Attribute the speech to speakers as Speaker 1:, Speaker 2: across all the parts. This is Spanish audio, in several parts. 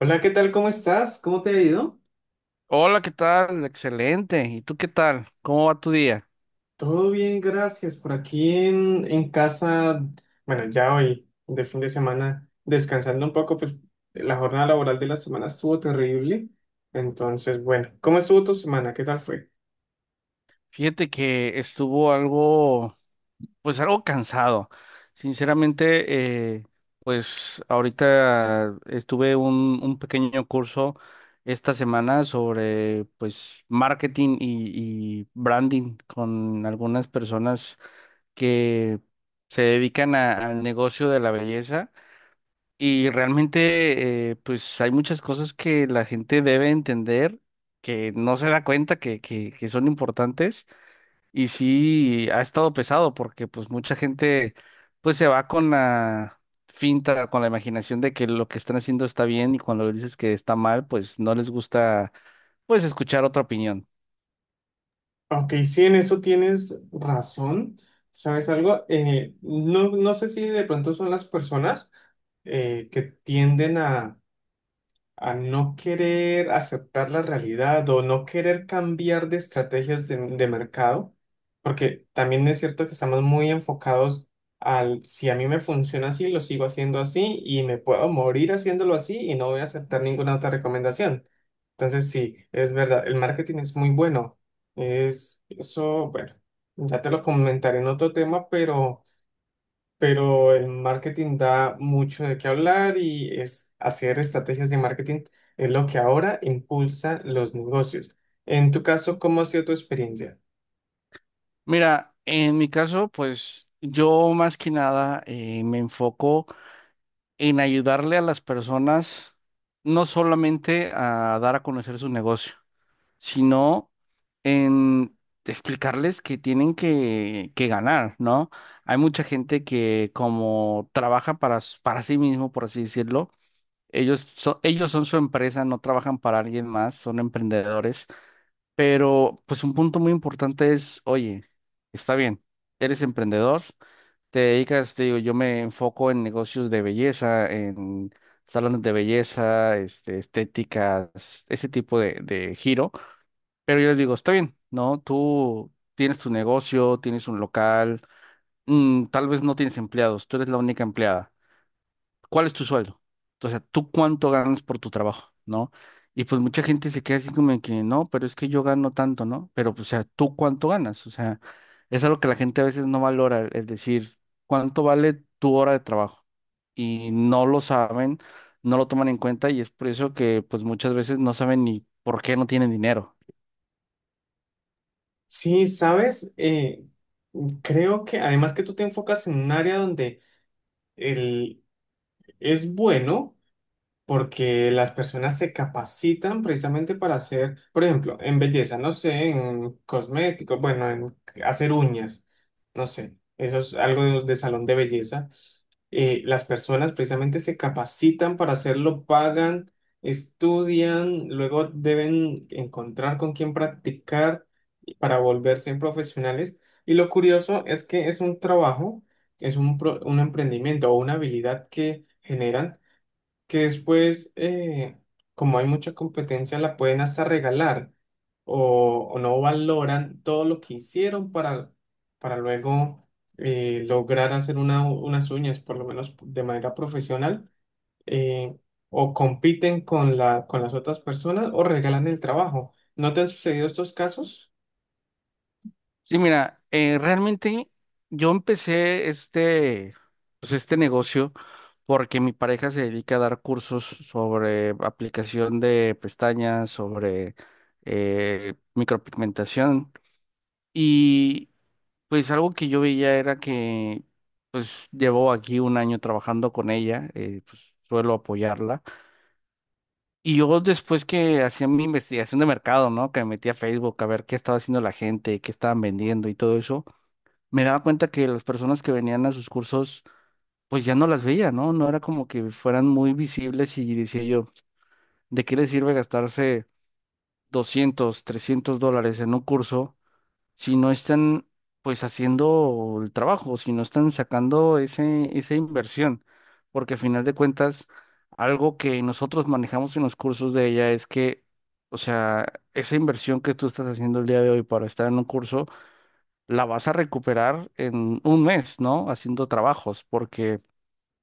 Speaker 1: Hola, ¿qué tal? ¿Cómo estás? ¿Cómo te ha ido?
Speaker 2: Hola, ¿qué tal? Excelente. ¿Y tú qué tal? ¿Cómo va tu día?
Speaker 1: Todo bien, gracias. Por aquí en casa, bueno, ya hoy, de fin de semana, descansando un poco, pues la jornada laboral de la semana estuvo terrible. Entonces, bueno, ¿cómo estuvo tu semana? ¿Qué tal fue?
Speaker 2: Fíjate que estuvo pues algo cansado. Sinceramente, pues ahorita estuve un pequeño curso esta semana sobre, pues, marketing y branding con algunas personas que se dedican al negocio de la belleza. Y realmente, pues hay muchas cosas que la gente debe entender, que no se da cuenta que son importantes. Y sí, ha estado pesado porque pues mucha gente pues se va con la finta, con la imaginación de que lo que están haciendo está bien y cuando les dices que está mal, pues no les gusta pues escuchar otra opinión.
Speaker 1: Ok, sí, en eso tienes razón. ¿Sabes algo? No, no sé si de pronto son las personas que tienden a no querer aceptar la realidad o no querer cambiar de estrategias de mercado, porque también es cierto que estamos muy enfocados al si a mí me funciona así, lo sigo haciendo así y me puedo morir haciéndolo así y no voy a aceptar ninguna otra recomendación. Entonces, sí, es verdad, el marketing es muy bueno. Es eso, bueno, ya te lo comentaré en otro tema, pero el marketing da mucho de qué hablar y es hacer estrategias de marketing es lo que ahora impulsa los negocios. En tu caso, ¿cómo ha sido tu experiencia?
Speaker 2: Mira, en mi caso, pues yo más que nada me enfoco en ayudarle a las personas no solamente a dar a conocer su negocio, sino en explicarles que tienen que ganar, ¿no? Hay mucha gente que como trabaja para sí mismo, por así decirlo, ellos son su empresa, no trabajan para alguien más, son emprendedores, pero pues un punto muy importante es, oye, está bien, eres emprendedor te dedicas, te digo, yo me enfoco en negocios de belleza, en salones de belleza, estéticas, ese tipo de giro. Pero yo les digo, está bien, ¿no? Tú tienes tu negocio, tienes un local, tal vez no tienes empleados, tú eres la única empleada. ¿Cuál es tu sueldo? O sea, ¿tú cuánto ganas por tu trabajo, no? Y pues mucha gente se queda así como de que no, pero es que yo gano tanto, ¿no? Pero pues, o sea, ¿tú cuánto ganas? O sea, es algo que la gente a veces no valora, es decir, ¿cuánto vale tu hora de trabajo? Y no lo saben, no lo toman en cuenta y es por eso que pues muchas veces no saben ni por qué no tienen dinero.
Speaker 1: Sí, sabes. Creo que además que tú te enfocas en un área donde el, es bueno, porque las personas se capacitan precisamente para hacer, por ejemplo, en belleza, no sé, en cosméticos, bueno, en hacer uñas, no sé, eso es algo de salón de belleza. Las personas precisamente se capacitan para hacerlo, pagan, estudian, luego deben encontrar con quién practicar para volverse profesionales. Y lo curioso es que es un trabajo, es un, un emprendimiento o una habilidad que generan que después, como hay mucha competencia, la pueden hasta regalar o no valoran todo lo que hicieron para luego lograr hacer unas uñas, por lo menos de manera profesional, eh, o compiten con la, con las otras personas o regalan el trabajo. ¿No te han sucedido estos casos?
Speaker 2: Sí, mira, realmente yo empecé este, pues este negocio porque mi pareja se dedica a dar cursos sobre aplicación de pestañas, sobre micropigmentación y pues algo que yo veía era que pues llevo aquí un año trabajando con ella, pues suelo apoyarla y yo después que hacía mi investigación de mercado, ¿no? Que me metía a Facebook a ver qué estaba haciendo la gente, qué estaban vendiendo y todo eso me daba cuenta que las personas que venían a sus cursos, pues ya no las veía, ¿no? No era como que fueran muy visibles y decía yo, ¿de qué les sirve gastarse $200-$300 en un curso si no están, pues, haciendo el trabajo, si no están sacando esa inversión? Porque al final de cuentas, algo que nosotros manejamos en los cursos de ella es que, o sea, esa inversión que tú estás haciendo el día de hoy para estar en un curso, la vas a recuperar en un mes, ¿no? Haciendo trabajos, porque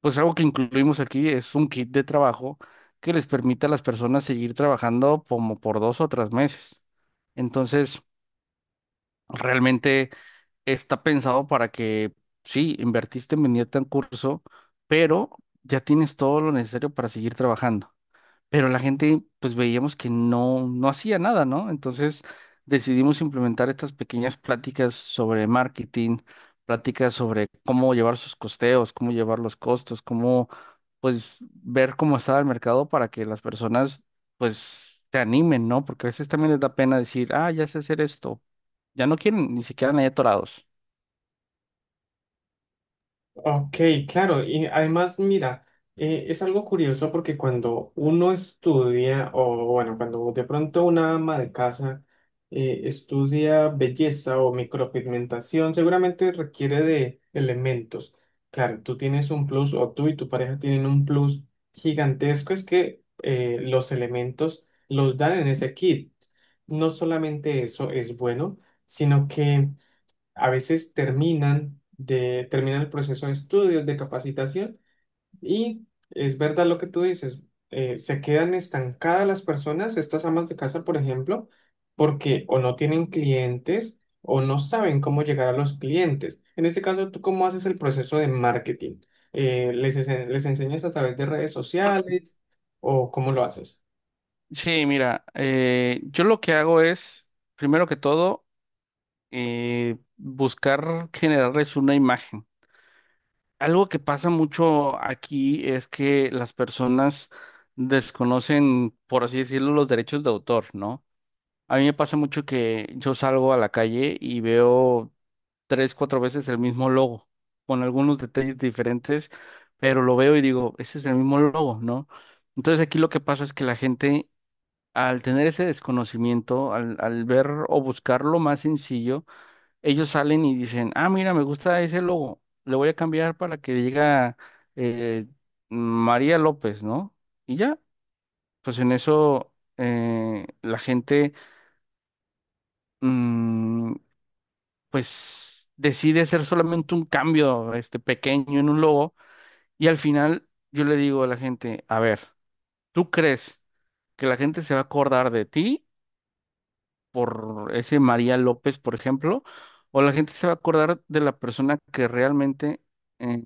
Speaker 2: pues algo que incluimos aquí es un kit de trabajo que les permite a las personas seguir trabajando como por 2 o 3 meses. Entonces, realmente está pensado para que, sí, invertiste en venirte a un curso, pero ya tienes todo lo necesario para seguir trabajando. Pero la gente, pues veíamos que no, no hacía nada, ¿no? Entonces decidimos implementar estas pequeñas pláticas sobre marketing, pláticas sobre cómo llevar sus costeos, cómo llevar los costos, cómo, pues, ver cómo estaba el mercado para que las personas, pues, se animen, ¿no? Porque a veces también les da pena decir, ah, ya sé hacer esto. Ya no quieren, ni siquiera ahí atorados.
Speaker 1: Ok, claro, y además, mira, es algo curioso porque cuando uno estudia, o bueno, cuando de pronto una ama de casa estudia belleza o micropigmentación, seguramente requiere de elementos. Claro, tú tienes un plus, o tú y tu pareja tienen un plus gigantesco, es que los elementos los dan en ese kit. No solamente eso es bueno, sino que a veces terminan el proceso de estudios, de capacitación y es verdad lo que tú dices, se quedan estancadas las personas, estas amas de casa, por ejemplo, porque o no tienen clientes o no saben cómo llegar a los clientes. En este caso, ¿tú cómo haces el proceso de marketing? ¿Les, les enseñas a través de redes sociales o cómo lo haces?
Speaker 2: Sí, mira, yo lo que hago es, primero que todo, buscar generarles una imagen. Algo que pasa mucho aquí es que las personas desconocen, por así decirlo, los derechos de autor, ¿no? A mí me pasa mucho que yo salgo a la calle y veo tres, cuatro veces el mismo logo, con algunos detalles diferentes, pero lo veo y digo, ese es el mismo logo, ¿no? Entonces aquí lo que pasa es que la gente, al tener ese desconocimiento, al ver o buscar lo más sencillo, ellos salen y dicen, ah, mira, me gusta ese logo, le voy a cambiar para que diga eh, María López, ¿no? Y ya, pues en eso la gente, mm, pues decide hacer solamente un cambio pequeño en un logo y al final yo le digo a la gente, a ver, ¿tú crees que la gente se va a acordar de ti por ese María López, por ejemplo? ¿O la gente se va a acordar de la persona que realmente eh,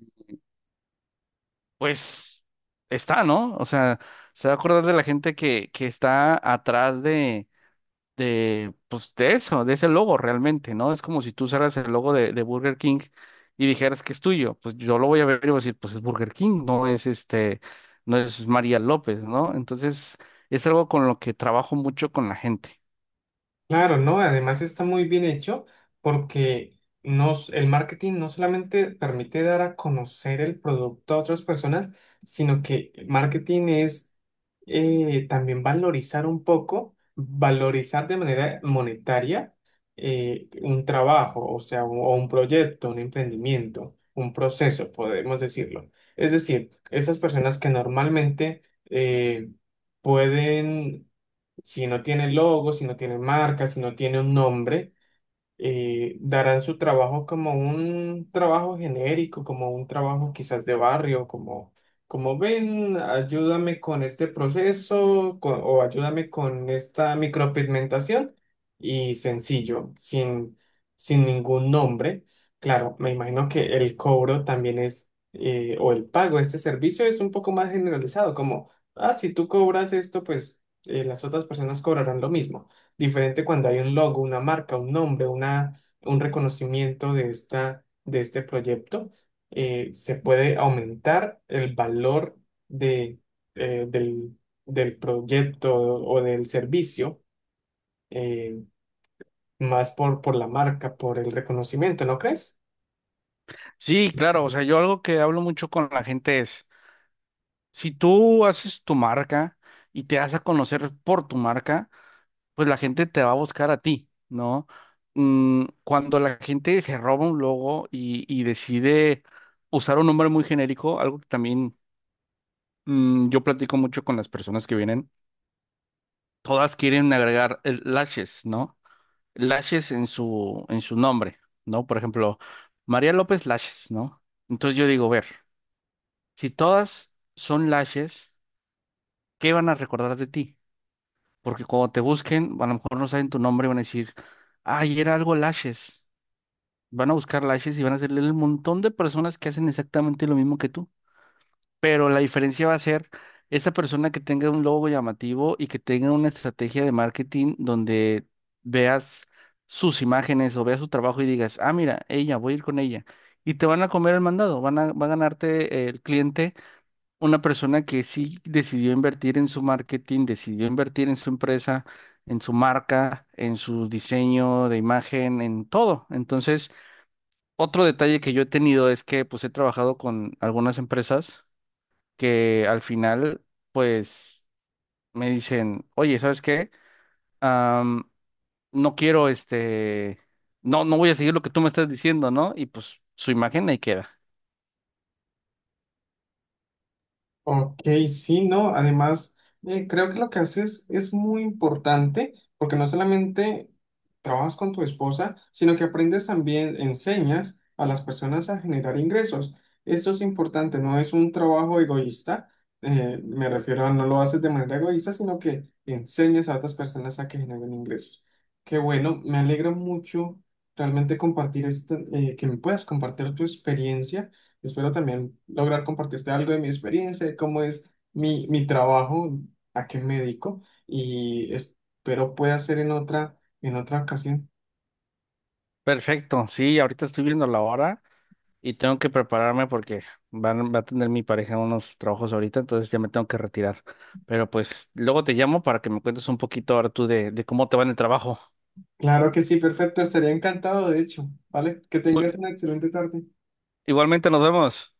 Speaker 2: pues está, ¿no? O sea, se va a acordar de la gente que está atrás de, pues de eso, de ese logo realmente, ¿no? Es como si tú usaras el logo de Burger King y dijeras que es tuyo. Pues yo lo voy a ver y voy a decir, pues es Burger King, no es este, no es María López, ¿no? Entonces, es algo con lo que trabajo mucho con la gente.
Speaker 1: Claro, ¿no? Además está muy bien hecho porque el marketing no solamente permite dar a conocer el producto a otras personas, sino que el marketing es también valorizar un poco, valorizar de manera monetaria un trabajo, o sea, o un proyecto, un emprendimiento, un proceso, podemos decirlo. Es decir, esas personas que normalmente eh, pueden si no tiene logo, si no tiene marca, si no tiene un nombre, darán su trabajo como un trabajo genérico, como un trabajo quizás de barrio, como, como ven, ayúdame con este proceso con o ayúdame con esta micropigmentación y sencillo, sin, sin ningún nombre. Claro, me imagino que el cobro también es, o el pago de este servicio es un poco más generalizado, como, ah, si tú cobras esto, pues las otras personas cobrarán lo mismo. Diferente cuando hay un logo, una marca, un nombre, una, un reconocimiento de esta, de este proyecto, se puede aumentar el valor de, eh, del, del proyecto o del servicio, eh, más por la marca, por el reconocimiento, ¿no crees?
Speaker 2: Sí, claro, o sea, yo algo que hablo mucho con la gente es, si tú haces tu marca y te das a conocer por tu marca, pues la gente te va a buscar a ti, ¿no? Cuando la gente se roba un logo y decide usar un nombre muy genérico, algo que también yo platico mucho con las personas que vienen, todas quieren agregar el lashes, ¿no? Lashes en su nombre, ¿no? Por ejemplo, María López Lashes, ¿no? Entonces yo digo, ver, si todas son lashes, ¿qué van a recordar de ti? Porque cuando te busquen, a lo mejor no saben tu nombre y van a decir, ay, era algo lashes. Van a buscar lashes y van a hacerle el montón de personas que hacen exactamente lo mismo que tú. Pero la diferencia va a ser esa persona que tenga un logo llamativo y que tenga una estrategia de marketing donde veas sus imágenes o veas su trabajo y digas, ah, mira, ella, voy a ir con ella. Y te van a comer el mandado, va a ganarte el cliente, una persona que sí decidió invertir en su marketing, decidió invertir en su empresa, en su marca, en su diseño de imagen, en todo. Entonces, otro detalle que yo he tenido es que pues he trabajado con algunas empresas que al final pues me dicen, oye, ¿sabes qué? Am, no quiero este, no, no voy a seguir lo que tú me estás diciendo, ¿no? Y pues su imagen ahí queda.
Speaker 1: Ok, sí, no, además creo que lo que haces es muy importante porque no solamente trabajas con tu esposa, sino que aprendes también, enseñas a las personas a generar ingresos. Esto es importante, no es un trabajo egoísta, me refiero a no lo haces de manera egoísta, sino que enseñas a otras personas a que generen ingresos. Qué bueno, me alegra mucho realmente compartir esto, que me puedas compartir tu experiencia. Espero también lograr compartirte algo de mi experiencia, de cómo es mi trabajo, a qué me dedico y espero pueda ser en otra ocasión.
Speaker 2: Perfecto, sí, ahorita estoy viendo la hora y tengo que prepararme porque va a tener mi pareja unos trabajos ahorita, entonces ya me tengo que retirar. Pero pues luego te llamo para que me cuentes un poquito ahora tú de cómo te va en el trabajo.
Speaker 1: Claro que sí, perfecto, estaría encantado, de hecho, ¿vale? Que tengas
Speaker 2: Muy-
Speaker 1: una excelente tarde.
Speaker 2: Igualmente nos vemos.